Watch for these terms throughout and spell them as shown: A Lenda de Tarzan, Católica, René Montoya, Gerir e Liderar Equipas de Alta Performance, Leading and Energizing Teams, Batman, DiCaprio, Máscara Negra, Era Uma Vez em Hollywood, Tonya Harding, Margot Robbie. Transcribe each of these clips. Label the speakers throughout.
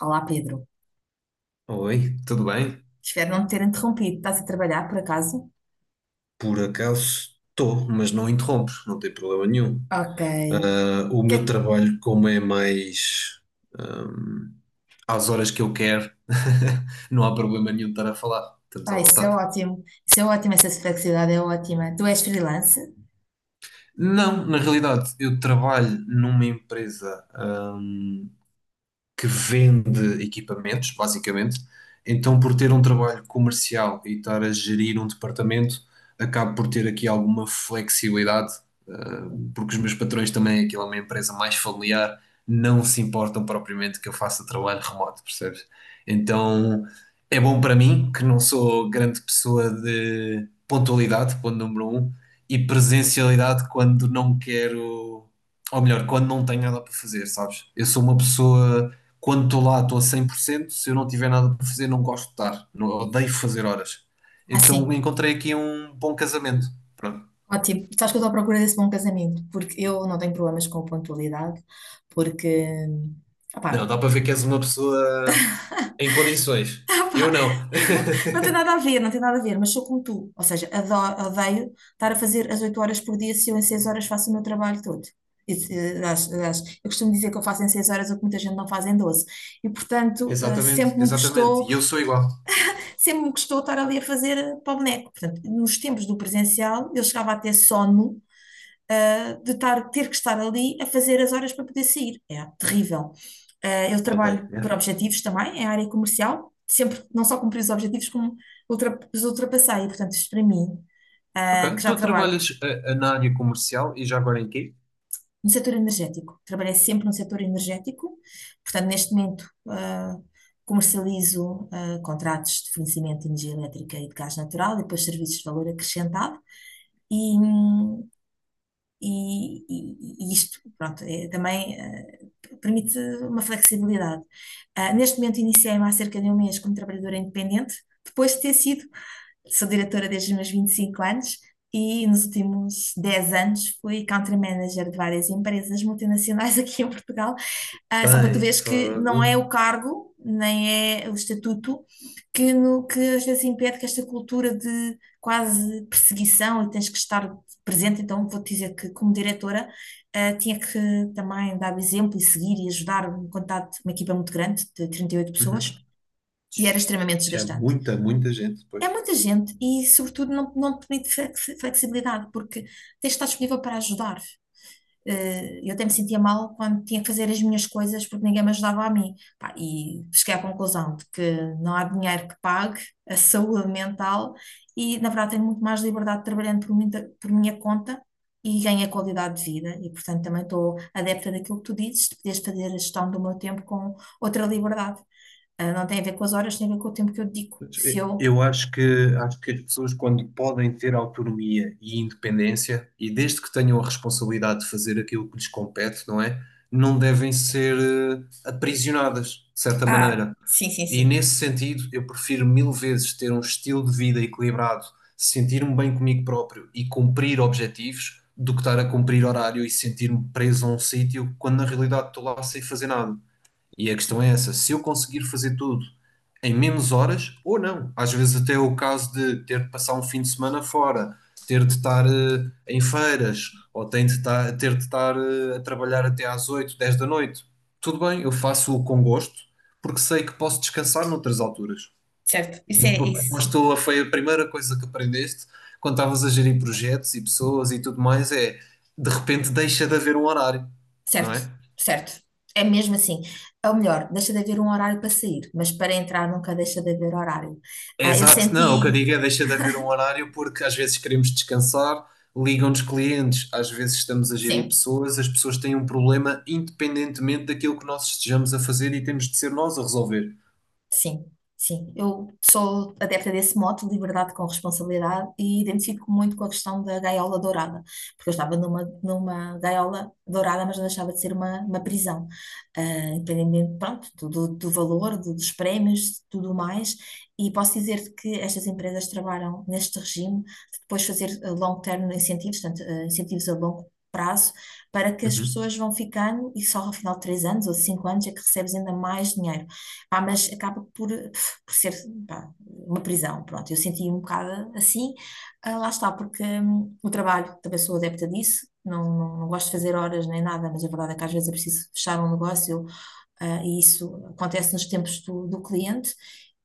Speaker 1: Olá, Pedro.
Speaker 2: Oi, tudo bem?
Speaker 1: Espero não te ter interrompido. Estás a trabalhar, por acaso?
Speaker 2: Por acaso estou, mas não interrompes, não tem problema nenhum.
Speaker 1: Ok.
Speaker 2: Ah, o
Speaker 1: Que-
Speaker 2: meu trabalho, como é mais ahm, às horas que eu quero, não há problema nenhum de estar a falar, estamos à
Speaker 1: Ah, isso é
Speaker 2: vontade.
Speaker 1: ótimo. Isso é ótimo, essa flexibilidade é ótima. Tu és freelance?
Speaker 2: Não, na realidade, eu trabalho numa empresa que vende equipamentos, basicamente. Então, por ter um trabalho comercial e estar a gerir um departamento, acabo por ter aqui alguma flexibilidade, porque os meus patrões também, aquilo é uma empresa mais familiar, não se importam propriamente que eu faça trabalho remoto, percebes? Então, é bom para mim, que não sou grande pessoa de pontualidade, ponto número um, e presencialidade quando não quero, ou melhor, quando não tenho nada para fazer, sabes? Eu sou uma pessoa quando estou lá, estou a 100%. Se eu não tiver nada para fazer, não gosto de estar. Não, odeio fazer horas.
Speaker 1: Ah,
Speaker 2: Então
Speaker 1: sim.
Speaker 2: encontrei aqui um bom casamento. Pronto.
Speaker 1: Ótimo. Sabes que eu estou à procura desse bom casamento, porque eu não tenho problemas com pontualidade, porque,
Speaker 2: Não,
Speaker 1: opá,
Speaker 2: dá para ver que és uma pessoa em condições. Eu
Speaker 1: Epá.
Speaker 2: não.
Speaker 1: Não tem nada a ver, não tem nada a ver, mas sou como tu. Ou seja, adoro, odeio estar a fazer as 8 horas por dia se eu em 6 horas faço o meu trabalho todo. Isso, aliás, eu costumo dizer que eu faço em 6 horas o que muita gente não faz em 12. E, portanto,
Speaker 2: Exatamente, exatamente. E eu sou igual.
Speaker 1: sempre me custou estar ali a fazer para o boneco. Portanto, nos tempos do presencial, eu chegava a ter sono, ter que estar ali a fazer as horas para poder sair. É terrível. Eu
Speaker 2: Odeio.
Speaker 1: trabalho por
Speaker 2: Né?
Speaker 1: objetivos também, é a área comercial, sempre não só cumpri os objetivos, como os ultrapassei. E, portanto, isto para mim,
Speaker 2: Ok.
Speaker 1: que já
Speaker 2: Tu
Speaker 1: trabalho
Speaker 2: trabalhas na área comercial e já agora em quê?
Speaker 1: no setor energético, trabalhei sempre no setor energético, portanto, neste momento, comercializo contratos de fornecimento de energia elétrica e de gás natural e depois serviços de valor acrescentado. E, hum, e isto, pronto, é, também permite uma flexibilidade. Neste momento iniciei-me há cerca de um mês como trabalhadora independente. Depois de ter sido, sou diretora desde os meus 25 anos e nos últimos 10 anos fui country manager de várias empresas multinacionais aqui em Portugal, só para tu
Speaker 2: Bem,
Speaker 1: veres que não
Speaker 2: fogo.
Speaker 1: é o cargo, nem é o estatuto, que, no, que às vezes impede, que esta cultura de quase perseguição e tens que estar presente. Então, vou-te dizer que, como diretora, tinha que também dar o exemplo e seguir e ajudar um contato, uma equipa muito grande, de 38
Speaker 2: Uhum.
Speaker 1: pessoas, e era extremamente
Speaker 2: Isso é
Speaker 1: desgastante.
Speaker 2: muita, muita gente
Speaker 1: É
Speaker 2: depois.
Speaker 1: muita gente e, sobretudo, não, não te permite flexibilidade, porque tens de estar disponível para ajudar. Eu até me sentia mal quando tinha que fazer as minhas coisas porque ninguém me ajudava a mim. Pá, e cheguei à conclusão de que não há dinheiro que pague a saúde mental e, na verdade, tenho muito mais liberdade trabalhando por minha conta e ganho a qualidade de vida. E, portanto, também estou adepta daquilo que tu dizes, de poderes fazer a gestão do meu tempo com outra liberdade. Não tem a ver com as horas, tem a ver com o tempo que eu dedico. Se eu.
Speaker 2: Eu acho que as pessoas, quando podem ter autonomia e independência, e desde que tenham a responsabilidade de fazer aquilo que lhes compete, não é? Não devem ser aprisionadas, de certa
Speaker 1: Ah,
Speaker 2: maneira.
Speaker 1: sim, sim,
Speaker 2: E
Speaker 1: sim.
Speaker 2: nesse sentido, eu prefiro mil vezes ter um estilo de vida equilibrado, sentir-me bem comigo próprio e cumprir objetivos, do que estar a cumprir horário e sentir-me preso a um sítio, quando na realidade estou lá sem fazer nada. E a questão é
Speaker 1: Sim,
Speaker 2: essa, se eu conseguir fazer tudo em menos horas ou não. Às vezes até é o caso de ter de passar um fim de semana fora, ter de estar em feiras, ou ter de estar a trabalhar até às 8, 10 da noite. Tudo bem, eu faço-o com gosto, porque sei que posso descansar noutras alturas.
Speaker 1: certo. Isso
Speaker 2: Eu
Speaker 1: é isso.
Speaker 2: aposto, foi a primeira coisa que aprendeste quando estavas a gerir projetos e pessoas e tudo mais, é de repente deixa de haver um horário, não
Speaker 1: Certo,
Speaker 2: é?
Speaker 1: certo. É mesmo assim. Ou melhor, deixa de haver um horário para sair, mas para entrar nunca deixa de haver horário. Eu
Speaker 2: Exato, não, o que eu
Speaker 1: senti,
Speaker 2: digo é deixa de haver um horário porque às vezes queremos descansar, ligam-nos clientes, às vezes estamos a gerir
Speaker 1: sim,
Speaker 2: pessoas, as pessoas têm um problema independentemente daquilo que nós estejamos a fazer e temos de ser nós a resolver.
Speaker 1: Sim, sim. Eu sou adepta desse mote, liberdade com responsabilidade, e identifico muito com a questão da gaiola dourada, porque eu estava numa gaiola dourada, mas não deixava de ser uma prisão. Ah, Independente, pronto, do valor, dos prémios, tudo mais. E posso dizer que estas empresas trabalham neste regime de depois fazer long term incentivos, portanto, incentivos a longo prazo, para que as
Speaker 2: Uhum.
Speaker 1: pessoas vão ficando e só ao final de 3 anos ou de 5 anos é que recebes ainda mais dinheiro. Pá, mas acaba por ser pá, uma prisão, pronto. Eu senti um bocado assim, lá está, porque o trabalho, também sou adepta disso, não gosto de fazer horas nem nada, mas a verdade é que às vezes é preciso fechar um negócio, e isso acontece nos tempos do cliente,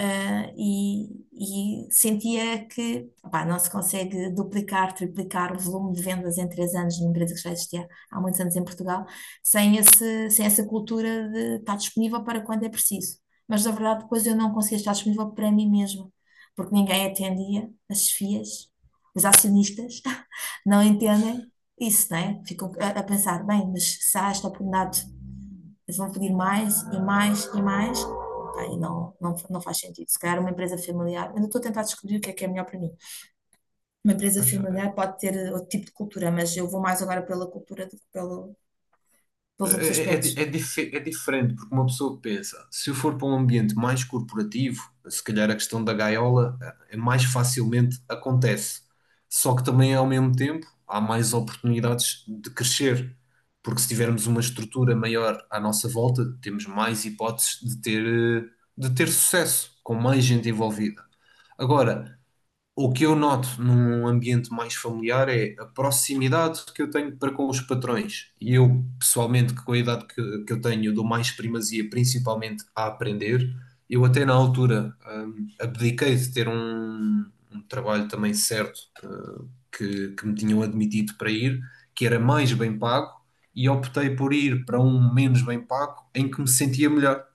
Speaker 1: ah, e, e sentia que opá, não se consegue duplicar, triplicar o volume de vendas em 3 anos numa empresa que já existia há muitos anos em Portugal, sem esse, sem essa cultura de estar disponível para quando é preciso. Mas na verdade, depois eu não conseguia estar disponível para mim mesma, porque ninguém atendia, as chefias, os acionistas não entendem isso, não é? Ficam a pensar, bem, mas se há esta oportunidade eles vão pedir mais e mais e mais. Pá, e não faz sentido. Se calhar uma empresa familiar, eu ainda estou a tentar descobrir o que é melhor para mim. Uma empresa
Speaker 2: Pois,
Speaker 1: familiar pode ter outro tipo de cultura, mas eu vou mais agora pela cultura do que pelo,
Speaker 2: é,
Speaker 1: pelos outros
Speaker 2: é, di-
Speaker 1: aspectos.
Speaker 2: é, dife- é diferente, porque uma pessoa pensa, se eu for para um ambiente mais corporativo, se calhar a questão da gaiola é mais facilmente acontece. Só que também, ao mesmo tempo, há mais oportunidades de crescer, porque se tivermos uma estrutura maior à nossa volta, temos mais hipóteses de ter, de ter sucesso, com mais gente envolvida. Agora, o que eu noto num ambiente mais familiar é a proximidade que eu tenho para com os patrões. E eu, pessoalmente, que com a idade que eu tenho, eu dou mais primazia, principalmente a aprender. Eu até na altura, abdiquei de ter um trabalho também certo, que me tinham admitido para ir, que era mais bem pago, e optei por ir para um menos bem pago, em que me sentia melhor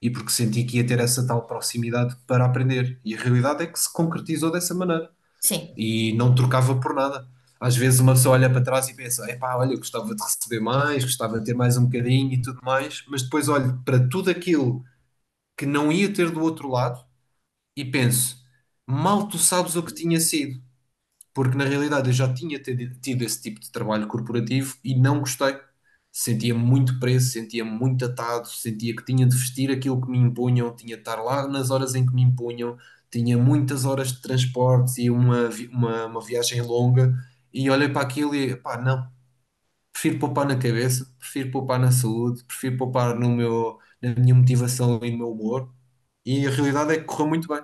Speaker 2: e porque senti que ia ter essa tal proximidade para aprender. E a realidade é que se concretizou dessa maneira
Speaker 1: Sim,
Speaker 2: e não trocava por nada. Às vezes uma pessoa olha para trás e pensa: epá, olha, gostava de receber mais, gostava de ter mais um bocadinho e tudo mais, mas depois olho para tudo aquilo que não ia ter do outro lado e penso: mal tu sabes o que tinha sido porque na realidade eu já tinha tido esse tipo de trabalho corporativo e não gostei. Sentia muito preso, sentia muito atado, sentia que tinha de vestir aquilo que me impunham, tinha de estar lá nas horas em que me impunham, tinha muitas horas de transportes e uma viagem longa. E olhei para aquilo e, pá, não, prefiro poupar na cabeça, prefiro poupar na saúde, prefiro poupar no meu, na minha motivação e no meu humor. E a realidade é que correu muito bem.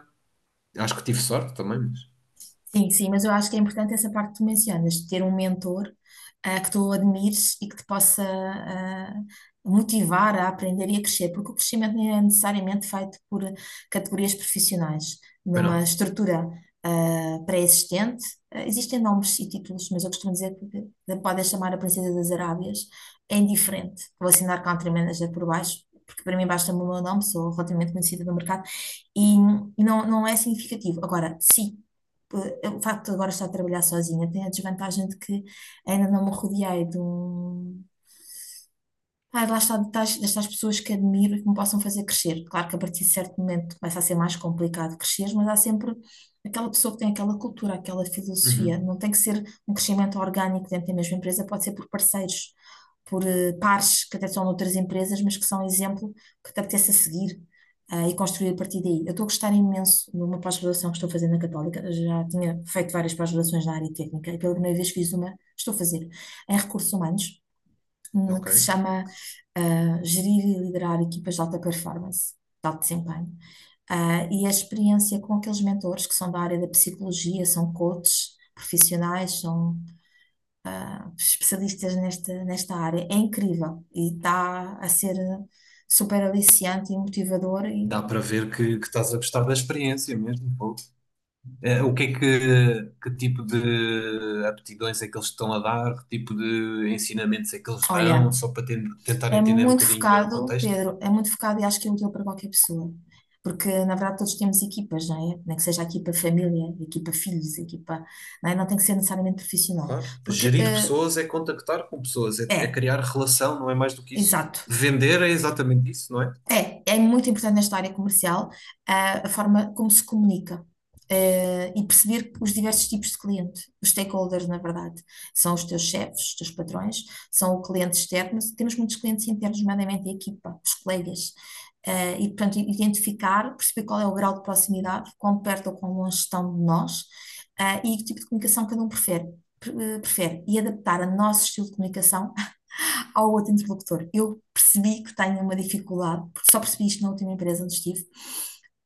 Speaker 2: Acho que tive sorte também, mas.
Speaker 1: sim, sim, mas eu acho que é importante essa parte que tu mencionas, de ter um mentor, que tu admires e que te possa, motivar a aprender e a crescer, porque o crescimento não é necessariamente feito por categorias profissionais.
Speaker 2: Bem,
Speaker 1: Numa
Speaker 2: não.
Speaker 1: estrutura, pré-existente, existem nomes e títulos, mas eu costumo dizer que podem chamar a Princesa das Arábias, é indiferente. Vou assinar Country Manager por baixo, porque para mim basta o meu nome, sou relativamente conhecida no mercado e não é significativo. Agora, sim, o facto de agora estar a trabalhar sozinha tem a desvantagem de que ainda não me rodeei de um. Ah, lá está, das, destas pessoas que admiro e que me possam fazer crescer. Claro que a partir de certo momento começa a ser mais complicado crescer, mas há sempre aquela pessoa que tem aquela cultura, aquela filosofia.
Speaker 2: Uhum.
Speaker 1: Não tem que ser um crescimento orgânico dentro da mesma empresa, pode ser por parceiros, por pares que até são noutras empresas, mas que são exemplo que te apetece a seguir, e construir a partir daí. Eu estou a gostar imenso de uma pós-graduação que estou fazendo na Católica. Eu já tinha feito várias pós-graduações na área técnica e pela primeira vez fiz uma, estou a fazer, em recursos humanos, que se
Speaker 2: Ok.
Speaker 1: chama Gerir e Liderar Equipas de Alta Performance, de Alto Desempenho. E a experiência com aqueles mentores que são da área da psicologia, são coaches profissionais, são especialistas nesta área, é incrível e está a ser super aliciante e motivador. E,
Speaker 2: Dá para ver que estás a gostar da experiência mesmo. Pô. Eh, o que é que tipo de aptidões é que eles estão a dar? Que tipo de ensinamentos é que eles dão?
Speaker 1: olha,
Speaker 2: Só para tentar
Speaker 1: é
Speaker 2: entender um
Speaker 1: muito
Speaker 2: bocadinho melhor o
Speaker 1: focado,
Speaker 2: contexto.
Speaker 1: Pedro, é muito focado e acho que é útil para qualquer pessoa. Porque, na verdade, todos temos equipas, não é? Nem que seja a equipa família, a equipa filhos, a equipa. Não é? Não tem que ser necessariamente profissional.
Speaker 2: Claro.
Speaker 1: Porque,
Speaker 2: Gerir pessoas é contactar com pessoas, é
Speaker 1: é,
Speaker 2: criar relação, não é mais do que isso.
Speaker 1: exato.
Speaker 2: Vender é exatamente isso, não é?
Speaker 1: É muito importante nesta área comercial, a forma como se comunica, e perceber os diversos tipos de cliente, os stakeholders, na verdade. São os teus chefes, os teus patrões, são o cliente externo, mas temos muitos clientes internos, nomeadamente a equipa, os colegas. E, portanto, identificar, perceber qual é o grau de proximidade, quão perto ou quão longe estão de nós, e que tipo de comunicação cada um prefere. Prefere e adaptar a nosso estilo de comunicação ao outro interlocutor. Eu percebi que tenho uma dificuldade, porque só percebi isto na última empresa onde estive,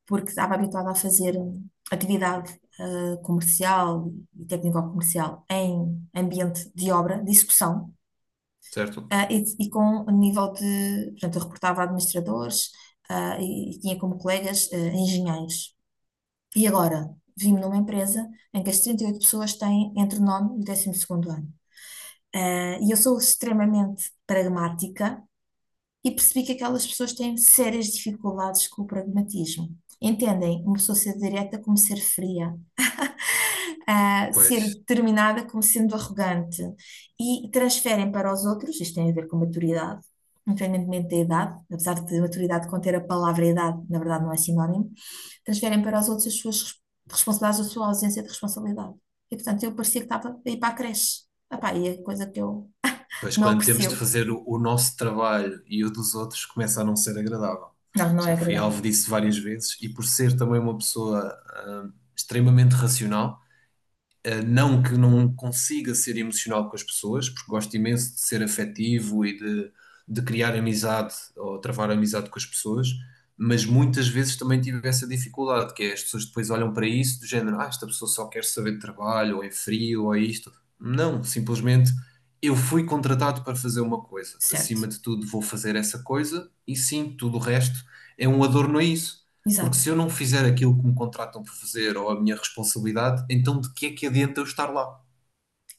Speaker 1: porque estava habituada a fazer atividade comercial e técnico-comercial em ambiente de obra, de execução,
Speaker 2: Certo?
Speaker 1: e com um nível de, portanto, eu reportava a administradores, e tinha como colegas engenheiros. E agora vim-me numa empresa em que as 38 pessoas têm entre o nono e o 12.º ano. E eu sou extremamente pragmática e percebi que aquelas pessoas têm sérias dificuldades com o pragmatismo. Entendem? Uma pessoa ser direta como ser fria, ser
Speaker 2: Pois.
Speaker 1: determinada como sendo arrogante, e transferem para os outros, isto tem a ver com maturidade, independentemente da idade, apesar de maturidade conter a palavra idade, na verdade não é sinónimo, transferem para os outros as suas responsabilidades, a sua ausência de responsabilidade. E portanto eu parecia que estava a ir para a creche. Pá, e é coisa que eu
Speaker 2: Pois
Speaker 1: não
Speaker 2: quando temos de
Speaker 1: aprecio.
Speaker 2: fazer o nosso trabalho e o dos outros começa a não ser agradável.
Speaker 1: Não, não é
Speaker 2: Já fui
Speaker 1: agradável.
Speaker 2: alvo disso várias vezes e por ser também uma pessoa, extremamente racional. Não que não consiga ser emocional com as pessoas, porque gosto imenso de ser afetivo e de criar amizade ou travar amizade com as pessoas, mas muitas vezes também tive essa dificuldade, que é as pessoas depois olham para isso do género, ah, esta pessoa só quer saber de trabalho, ou é frio, ou é isto. Não, simplesmente eu fui contratado para fazer uma coisa.
Speaker 1: Certo.
Speaker 2: Acima de tudo, vou fazer essa coisa e sim, tudo o resto é um adorno a isso. Porque
Speaker 1: Exato.
Speaker 2: se eu não fizer aquilo que me contratam por fazer ou a minha responsabilidade, então de que é que adianta eu estar lá?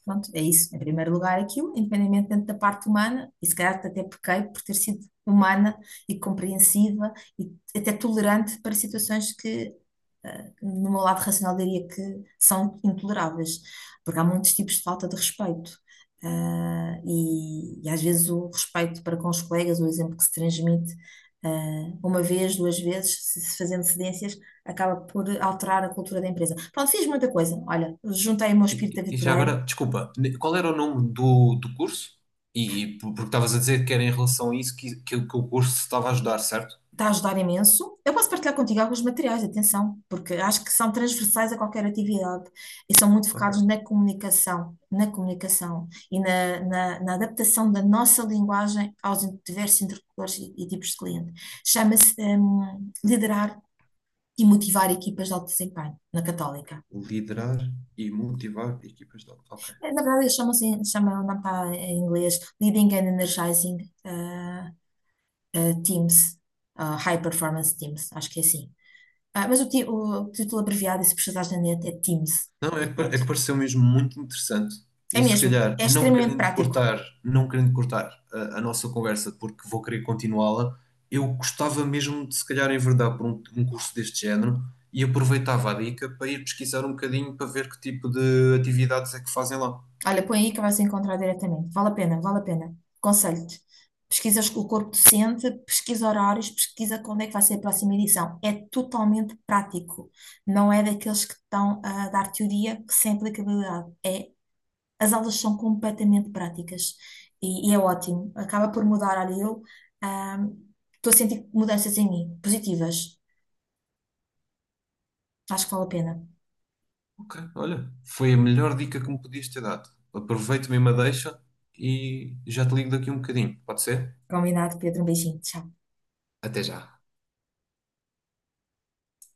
Speaker 1: Pronto, é isso. Em primeiro lugar, aquilo, independentemente da parte humana, e se calhar até pequei por ter sido humana e compreensiva e até tolerante para situações que, no meu lado racional, diria que são intoleráveis, porque há muitos tipos de falta de respeito. E às vezes o respeito para com os colegas, o exemplo que se transmite, uma vez, 2 vezes, se fazendo cedências, acaba por alterar a cultura da empresa. Pronto, fiz muita coisa. Olha, juntei o meu espírito
Speaker 2: E já
Speaker 1: aventureiro,
Speaker 2: agora, desculpa, qual era o nome do curso? E porque estavas a dizer que era em relação a isso que o curso estava a ajudar, certo?
Speaker 1: está a ajudar imenso. Eu posso partilhar contigo alguns materiais, atenção, porque acho que são transversais a qualquer atividade e são muito focados
Speaker 2: Ok.
Speaker 1: na comunicação, e na adaptação da nossa linguagem aos diversos interlocutores e tipos de cliente. Chama-se liderar e motivar equipas de alto desempenho na Católica.
Speaker 2: Liderar e motivar equipas de. Ok.
Speaker 1: Na verdade, eles chamam-se, chamam, não está em inglês, Leading and Energizing eh, Teams, High Performance Teams, acho que é assim. Mas o título abreviado, e se precisares na net, é Teams.
Speaker 2: Não, é
Speaker 1: E
Speaker 2: que, é
Speaker 1: pronto.
Speaker 2: que pareceu mesmo muito interessante.
Speaker 1: É
Speaker 2: E se
Speaker 1: mesmo.
Speaker 2: calhar,
Speaker 1: É
Speaker 2: não
Speaker 1: extremamente
Speaker 2: querendo
Speaker 1: prático.
Speaker 2: cortar, não querendo cortar a nossa conversa, porque vou querer continuá-la, eu gostava mesmo de se calhar enverdar por um curso deste género e aproveitava a dica para ir pesquisar um bocadinho para ver que tipo de atividades é que fazem lá.
Speaker 1: Olha, põe aí que vais encontrar diretamente. Vale a pena, vale a pena. Aconselho-te. Pesquisas o corpo docente, pesquisa horários, pesquisa quando é que vai ser a próxima edição. É totalmente prático. Não é daqueles que estão a dar teoria que sem aplicabilidade. É, as aulas são completamente práticas. E é ótimo. Acaba por mudar. Olha, eu ah, estou a sentir mudanças em mim, positivas. Acho que vale a pena.
Speaker 2: Ok, olha, foi a melhor dica que me podias ter dado. Aproveito mesmo a deixa e já te ligo daqui um bocadinho, pode ser?
Speaker 1: Combinado, Pedro. Um beijinho. Tchau.
Speaker 2: Até já.